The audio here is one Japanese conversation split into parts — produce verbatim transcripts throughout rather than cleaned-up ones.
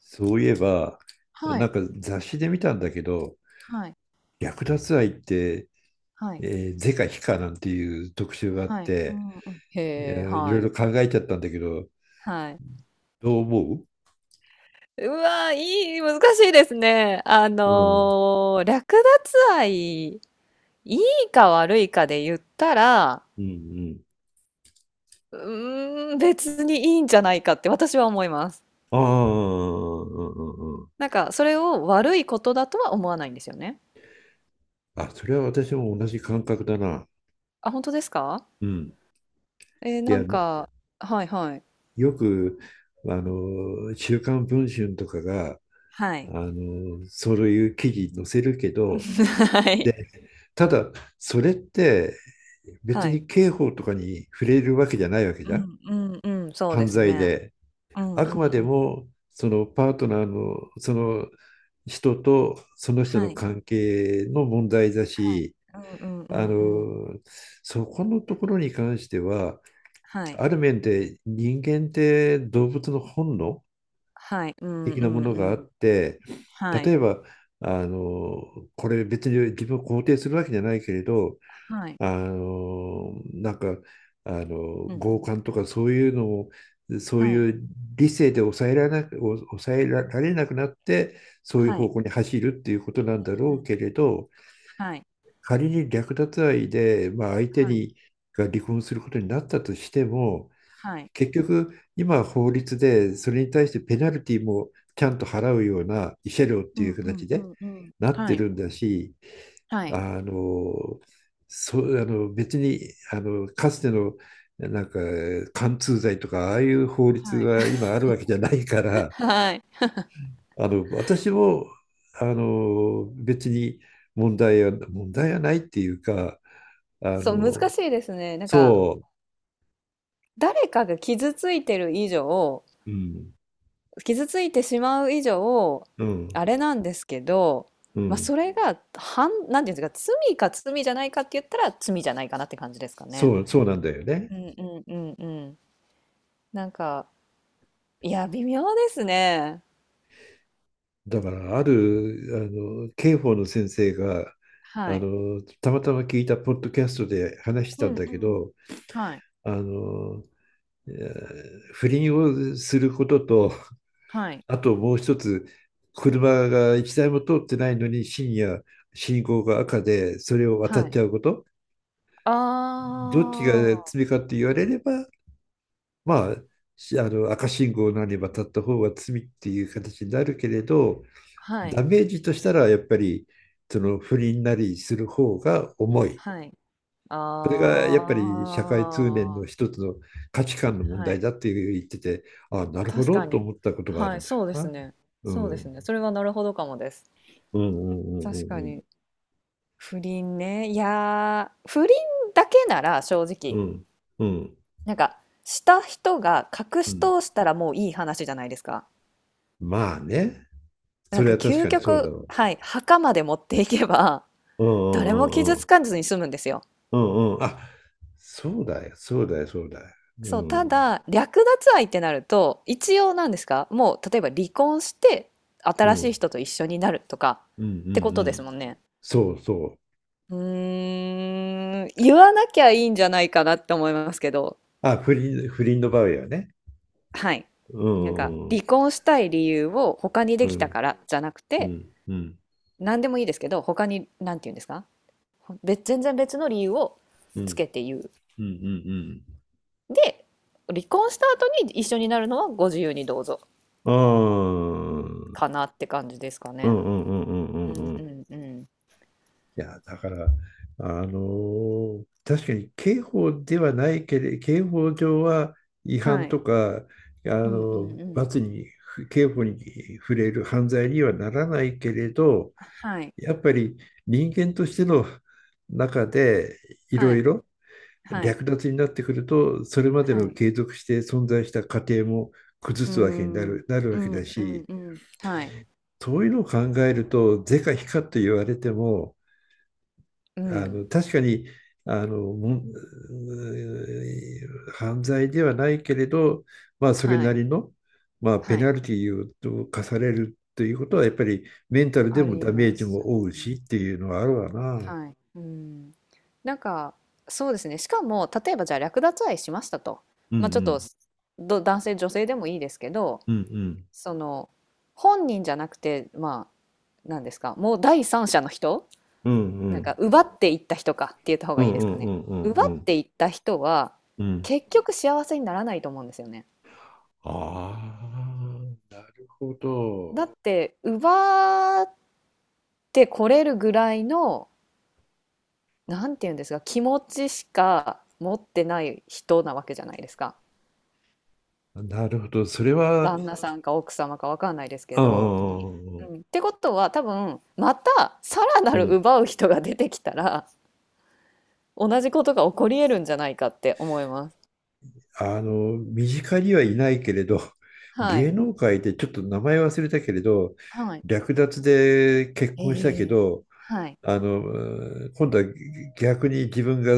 そういえば、はない、んか雑誌で見たんだけど、はい、略奪愛って、はい、えー、是か非かなんていう特集があっはい。うて、んうん。えへえ、ーいろはいい。ろ考えちゃったんだけど、はい。どう思うわ、いい、難しいですね。あううん。の、略奪愛、いいか悪いかで言ったら、うんうん。うーん、別にいいんじゃないかって私は思います。ああ、うんうんうん。なんか、それを悪いことだとは思わないんですよね。あ、それは私も同じ感覚だな。あ、本当ですか？うん。ええ、いなや、んかはいはい。よく、あの、週刊文春とかが、はい。あの、そういう記事載せるけど、はい。ただ、それって別はい。に刑法とかに触れるわけじゃないわけうじゃん。んうんうん、そうで犯す罪ね。で。うんあうくまんうでん。も、そのパートナーの、その人とその人のはい。関係の問題だはい。し、うんうんうあんの、うん。そこのところに関しては、はい。ある面で人間って動物の本能はい。うんう的なもんのがうあん。って、は例えい。ば、あの、これ別に自分を肯定するわけじゃないけれど、はい。あのなんかあのうんう強ん。姦とかそういうのをそうはい。いう理性で抑えられなく、抑えられなくなってそういうは方い。向に走るっていうことなんだうろんううん。けれど、はい。仮に略奪愛で、まあ、相手はい。にが離婚することになったとしても、はい。結局、今は法律で、それに対してペナルティもちゃんと払うような慰謝料っうてんいうう形んうでんうん。なっはてい。るんだし、はい。あの、そう、あの、別に、あの、かつての、なんか、貫通罪とか、ああいう法律はい。が今あるわけじゃないか ら、はい。あの、私も、あの、別に問題は、問題はないっていうか、あそう、難の、しいですね。なんか、そ誰かが傷ついてる以上、う、うん、傷ついてしまう以上、うん、あれなんですけど、うまあ、ん。それが、はん、なんていうんですか、罪か罪じゃないかって言ったら、罪じゃないかなって感じですかね。そう、そうなんだよね。うんうんうんうん。なんか、いや、微妙ですね。だから、ある、あの、刑法の先生が、はあい。の、たまたま聞いたポッドキャストで話しうたんんだうけん。ど、はい、あの、えー不倫をすることと、はい、あともう一つ、車が一台も通ってないのに深夜、信号が赤で、それを渡はっい。ちゃうこと、あどっちがあ、罪かって言われれば、まあ、しあの赤信号なり渡った方が罪っていう形になるけれど、はい、ダメージとしたらやっぱりその不倫なりする方が重い。はい。あそれがやっぱり社会通念あ、のは一つの価値観の問題い。だって言ってて、ああ、なるほ確どかとに。思ったことがあるはい、んだよそうですな。ね。うそうでん。うすんね。それはなるほどかもです。うん確かうんに。不倫ね。いやー、不倫だけなら正う直、んうん。うん。なんか、した人が隠うしん。通したらもういい話じゃないですか。まあね。なそんれかは確究かにそうだ極、ねわ。はい、墓まで持っていけばうんう誰もんうん傷うん。つかずに済むんですよ。うんうん。あ、そうだよ。そうだよ。そうだよ。うそう、たん。だ、略奪愛ってなると、一応なんですか、もう例えば離婚して、うん。新うしいん人と一緒になるとかうんうってことですん。もんね。そうそう。うーん、言わなきゃいいんじゃないかなって思いますけど、あ、不倫、不倫の場合はね。はい。うなんか、ん、うん、離婚したい理由を他にでうきたん、からじゃなくうて、ん、うん、何でもいいですけど、他に、なんて言うんですか、別、全然別の理由をうつん、けて言う。うん、うん、うん、で、離婚した後に一緒になるのはご自由にどうぞうん、うん、かなって感じですかうね。ん、うん、うん。うんううん、んうん。いや、だから、あのー確かに刑法ではないけれ、刑法上は違は反い。とか、あうんうのんうん。罰に、刑法に触れる犯罪にはならないけれど、はい、やっぱり人間としての中でいはろいい、ろ、はい、略奪になってくると、それまではのい。継続して存在した過程も崩うーすわけになん。る、なるわうけだんうんし、うん。はい。そういうのを考えると、是か非かと言われても、うあん。の確かにあの犯罪ではないけれど、まあ、それはない、りの、まあ、ペはい。ナルティーを課されるということは、やっぱりメンタルであもりダメまージすもよ負うね。しっていうのはあるわな。はい。うん。なんか、そうですね。しかも、例えばじゃあ略奪愛しましたと。うんうまあ、ちょっと、んど男性、女性でもいいですけど、うんうんその、本人じゃなくて、まあ、なんですか、もう第三者の人うんうなんかん奪っていった人かって言った方うがいいんでうすんかね。うんう奪っんていった人はうん、結局幸せにならないと思うんですよね。ああ、なるほだど。って奪ってこれるぐらいのなんて言うんですか気持ちしか持ってない人なわけじゃないですか。なるほど。それは、旦那さんか奥様かわかんないですうけど。んうん、ってことは多分またさらなうるん。奪う人が出てきたら同じことが起こり得るんじゃないかって思います。あの、身近にはいないけれど、は芸い。能界でちょっと名前忘れたけれど、はい。略奪で結え婚したけえど、はい。あの、うん、今度は逆に自分が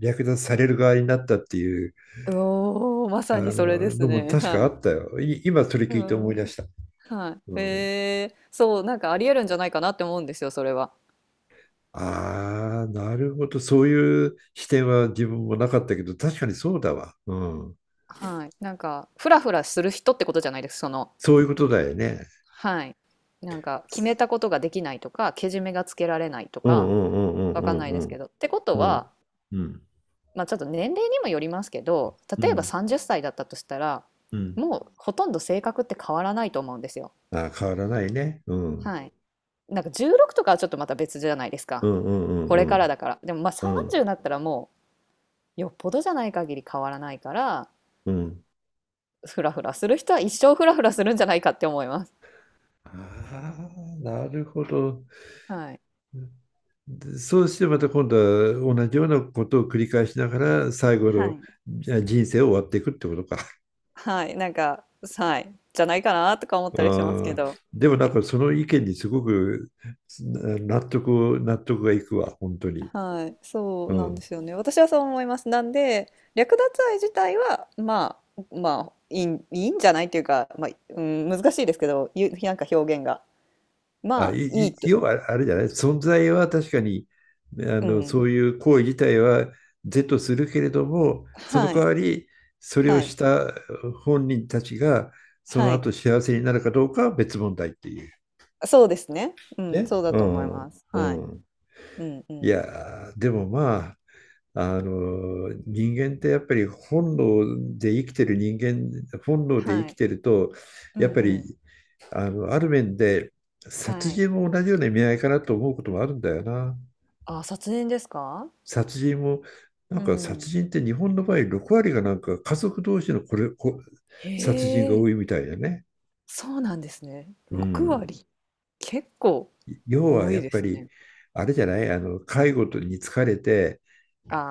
略奪される側になったっていう、おお、まあさにそれでの、すのもね。確かはあっい。たよ。い、今それう聞いて思い出ん。した。はうい。ん、えー、そう、なんかありえるんじゃないかなって思うんですよ、それは。ああ、なるほど。そういう視点は自分もなかったけど、確かにそうだわ。うん。はい。なんか、フラフラする人ってことじゃないです、そのそういうことだよね。はい。なんか、決めたことができないとか、けじめがつけられないとうんうか、んうんわうかんんないうですけんど。ってことうんは、うんま、ちょっと年齢にもよりますけど、うんう例えばん、さんじゅっさいだったとしたら、もうほとんど性格って変わらないと思うんですよ。ああ、変わらないね。うん。はい。なんかじゅうろくとかはちょっとまた別じゃないですうか。んうんこうれからんだから。でも、ま、あうんうんさんじゅうになったらもうよっぽどじゃない限り変わらないから、うん。フラフラする人は一生フラフラするんじゃないかって思います。ああ、なるほど。はい。で、そうしてまた今度は同じようなことを繰り返しながら最後はのい。じゃあ人生を終わっていくってことか。はい、なんか、はい、じゃないかなとか思ったりしますあけあ、ど。でもなんかその意見にすごく納得、納得がいくわ、本当に。はい、そううなんでん。すよね。私はそう思います。なんで、略奪愛自体は、まあ、まあ、いいん、いいんじゃないっていうか、まあ、うん、難しいですけど、ゆ、なんか表現が。あ、まあ、い、いい、いと、要はあれじゃない、存在は確かに、あうの、ん、そういう行為自体は是とするけれども、そのは代い、わり、それをはい、した本人たちが、そのはい。後幸せになるかどうかは別問題っていう。そうですね。うん、ね。そうだうと思いん。ます。うはい。ん。うん、ういん。やー、でもまあ、あの人間ってやっぱり本能で生きてる人間本能で生はきい。てると、うやっん、ぱうん。りあのある面で殺はい。人も同じような意味合いかなと思うこともあるんだよな。あ、卒年ですか？殺人も、なうんか殺ん。人って日本の場合ろく割がなんか家族同士のこれこへ殺人がえ、多いみたいだね。そうなんですね。うろくん、割、結構要は多やいっでぱすりね。あれじゃない、あの介護に疲れて、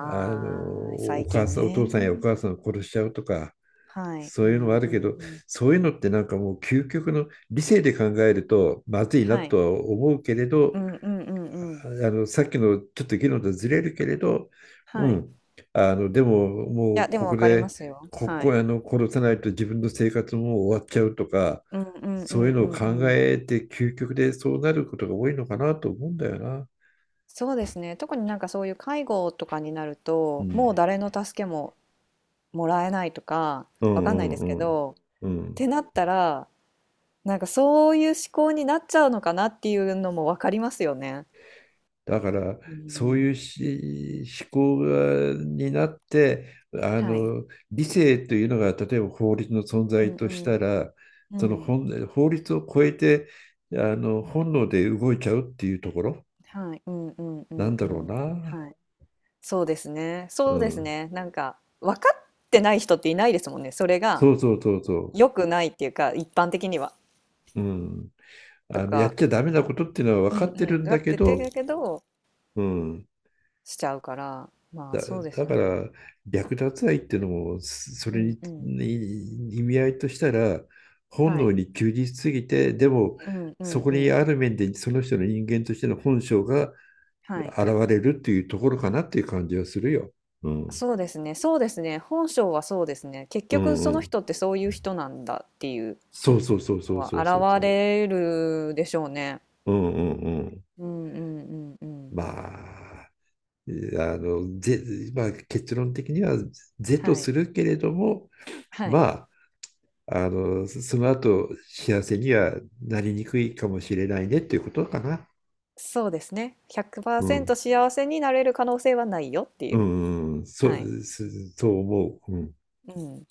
あのあ、お最母近さん、お父ね。さんやお母さんを殺しちゃうとか、はい。そうういうのはんあうるけんど、うん。そういうのってなんかもう究極の理性で考えるとまずいなはい。とは思うけれど、うんうんうんうあん。のさっきのちょっと議論とずれるけれど、うはい。ん、いあの、でももや、うでこもこ分かりまで、すよ。こはこい。あの殺さないと自分の生活も終わっちゃうとか、うんうんうそんういううのをんう考ん。えて究極でそうなることが多いのかなと思うんだよな。そうですね。特になんかそういう介護とかになるうと、ん、もう誰の助けももらえないとか、うわかんないですん、けうん、うん。ど、っうん、てなったらなんかそういう思考になっちゃうのかなっていうのもわかりますよね。だから、うそうん、いうし思考がになって、あはい。の理性というのが例えば法律の存う在んとうしたん。ら、うそのん。本法律を超えて、あの本能で動いちゃうっていうところはい。うんうんうなんんだうろうん。な、はい。そうですね。うそうですん、ね。なんか、分かってない人っていないですもんね。それがそうそうそうそ良くないっていうか、一般的には。う、うん、とあのやっか、ちゃダメなことっていうのはう分かんっうてるん。んだだっけててど、だけど、うん、しちゃうから、まあだ、そうですだよかね。ら略奪愛っていうのも、そそうれんにうん。に意味合いとしたら本は能い。に忠実すぎて、でもうんうそんこうにん。ある面でその人の人間としての本性がはい。現れるっていうところかなっていう感じはするよ。うん。そうですね、そうですね、本性はそうですね。結う局んうそのん。人ってそういう人なんだっていうそうそうそうのそうはそうそうそ現う。れるでしょうね。うんうんうん。うんうんうんうん。まあ、いや、あの、ぜ、まあ、結論的には是とはすい。るけれども、はい。まあ、あの、その後、幸せにはなりにくいかもしれないねっていうことかな。そうですね。うひゃくパーセントん。幸せになれる可能性はないよっていうう。ん、うん、そはい。う、す、そう思う。うん。うん。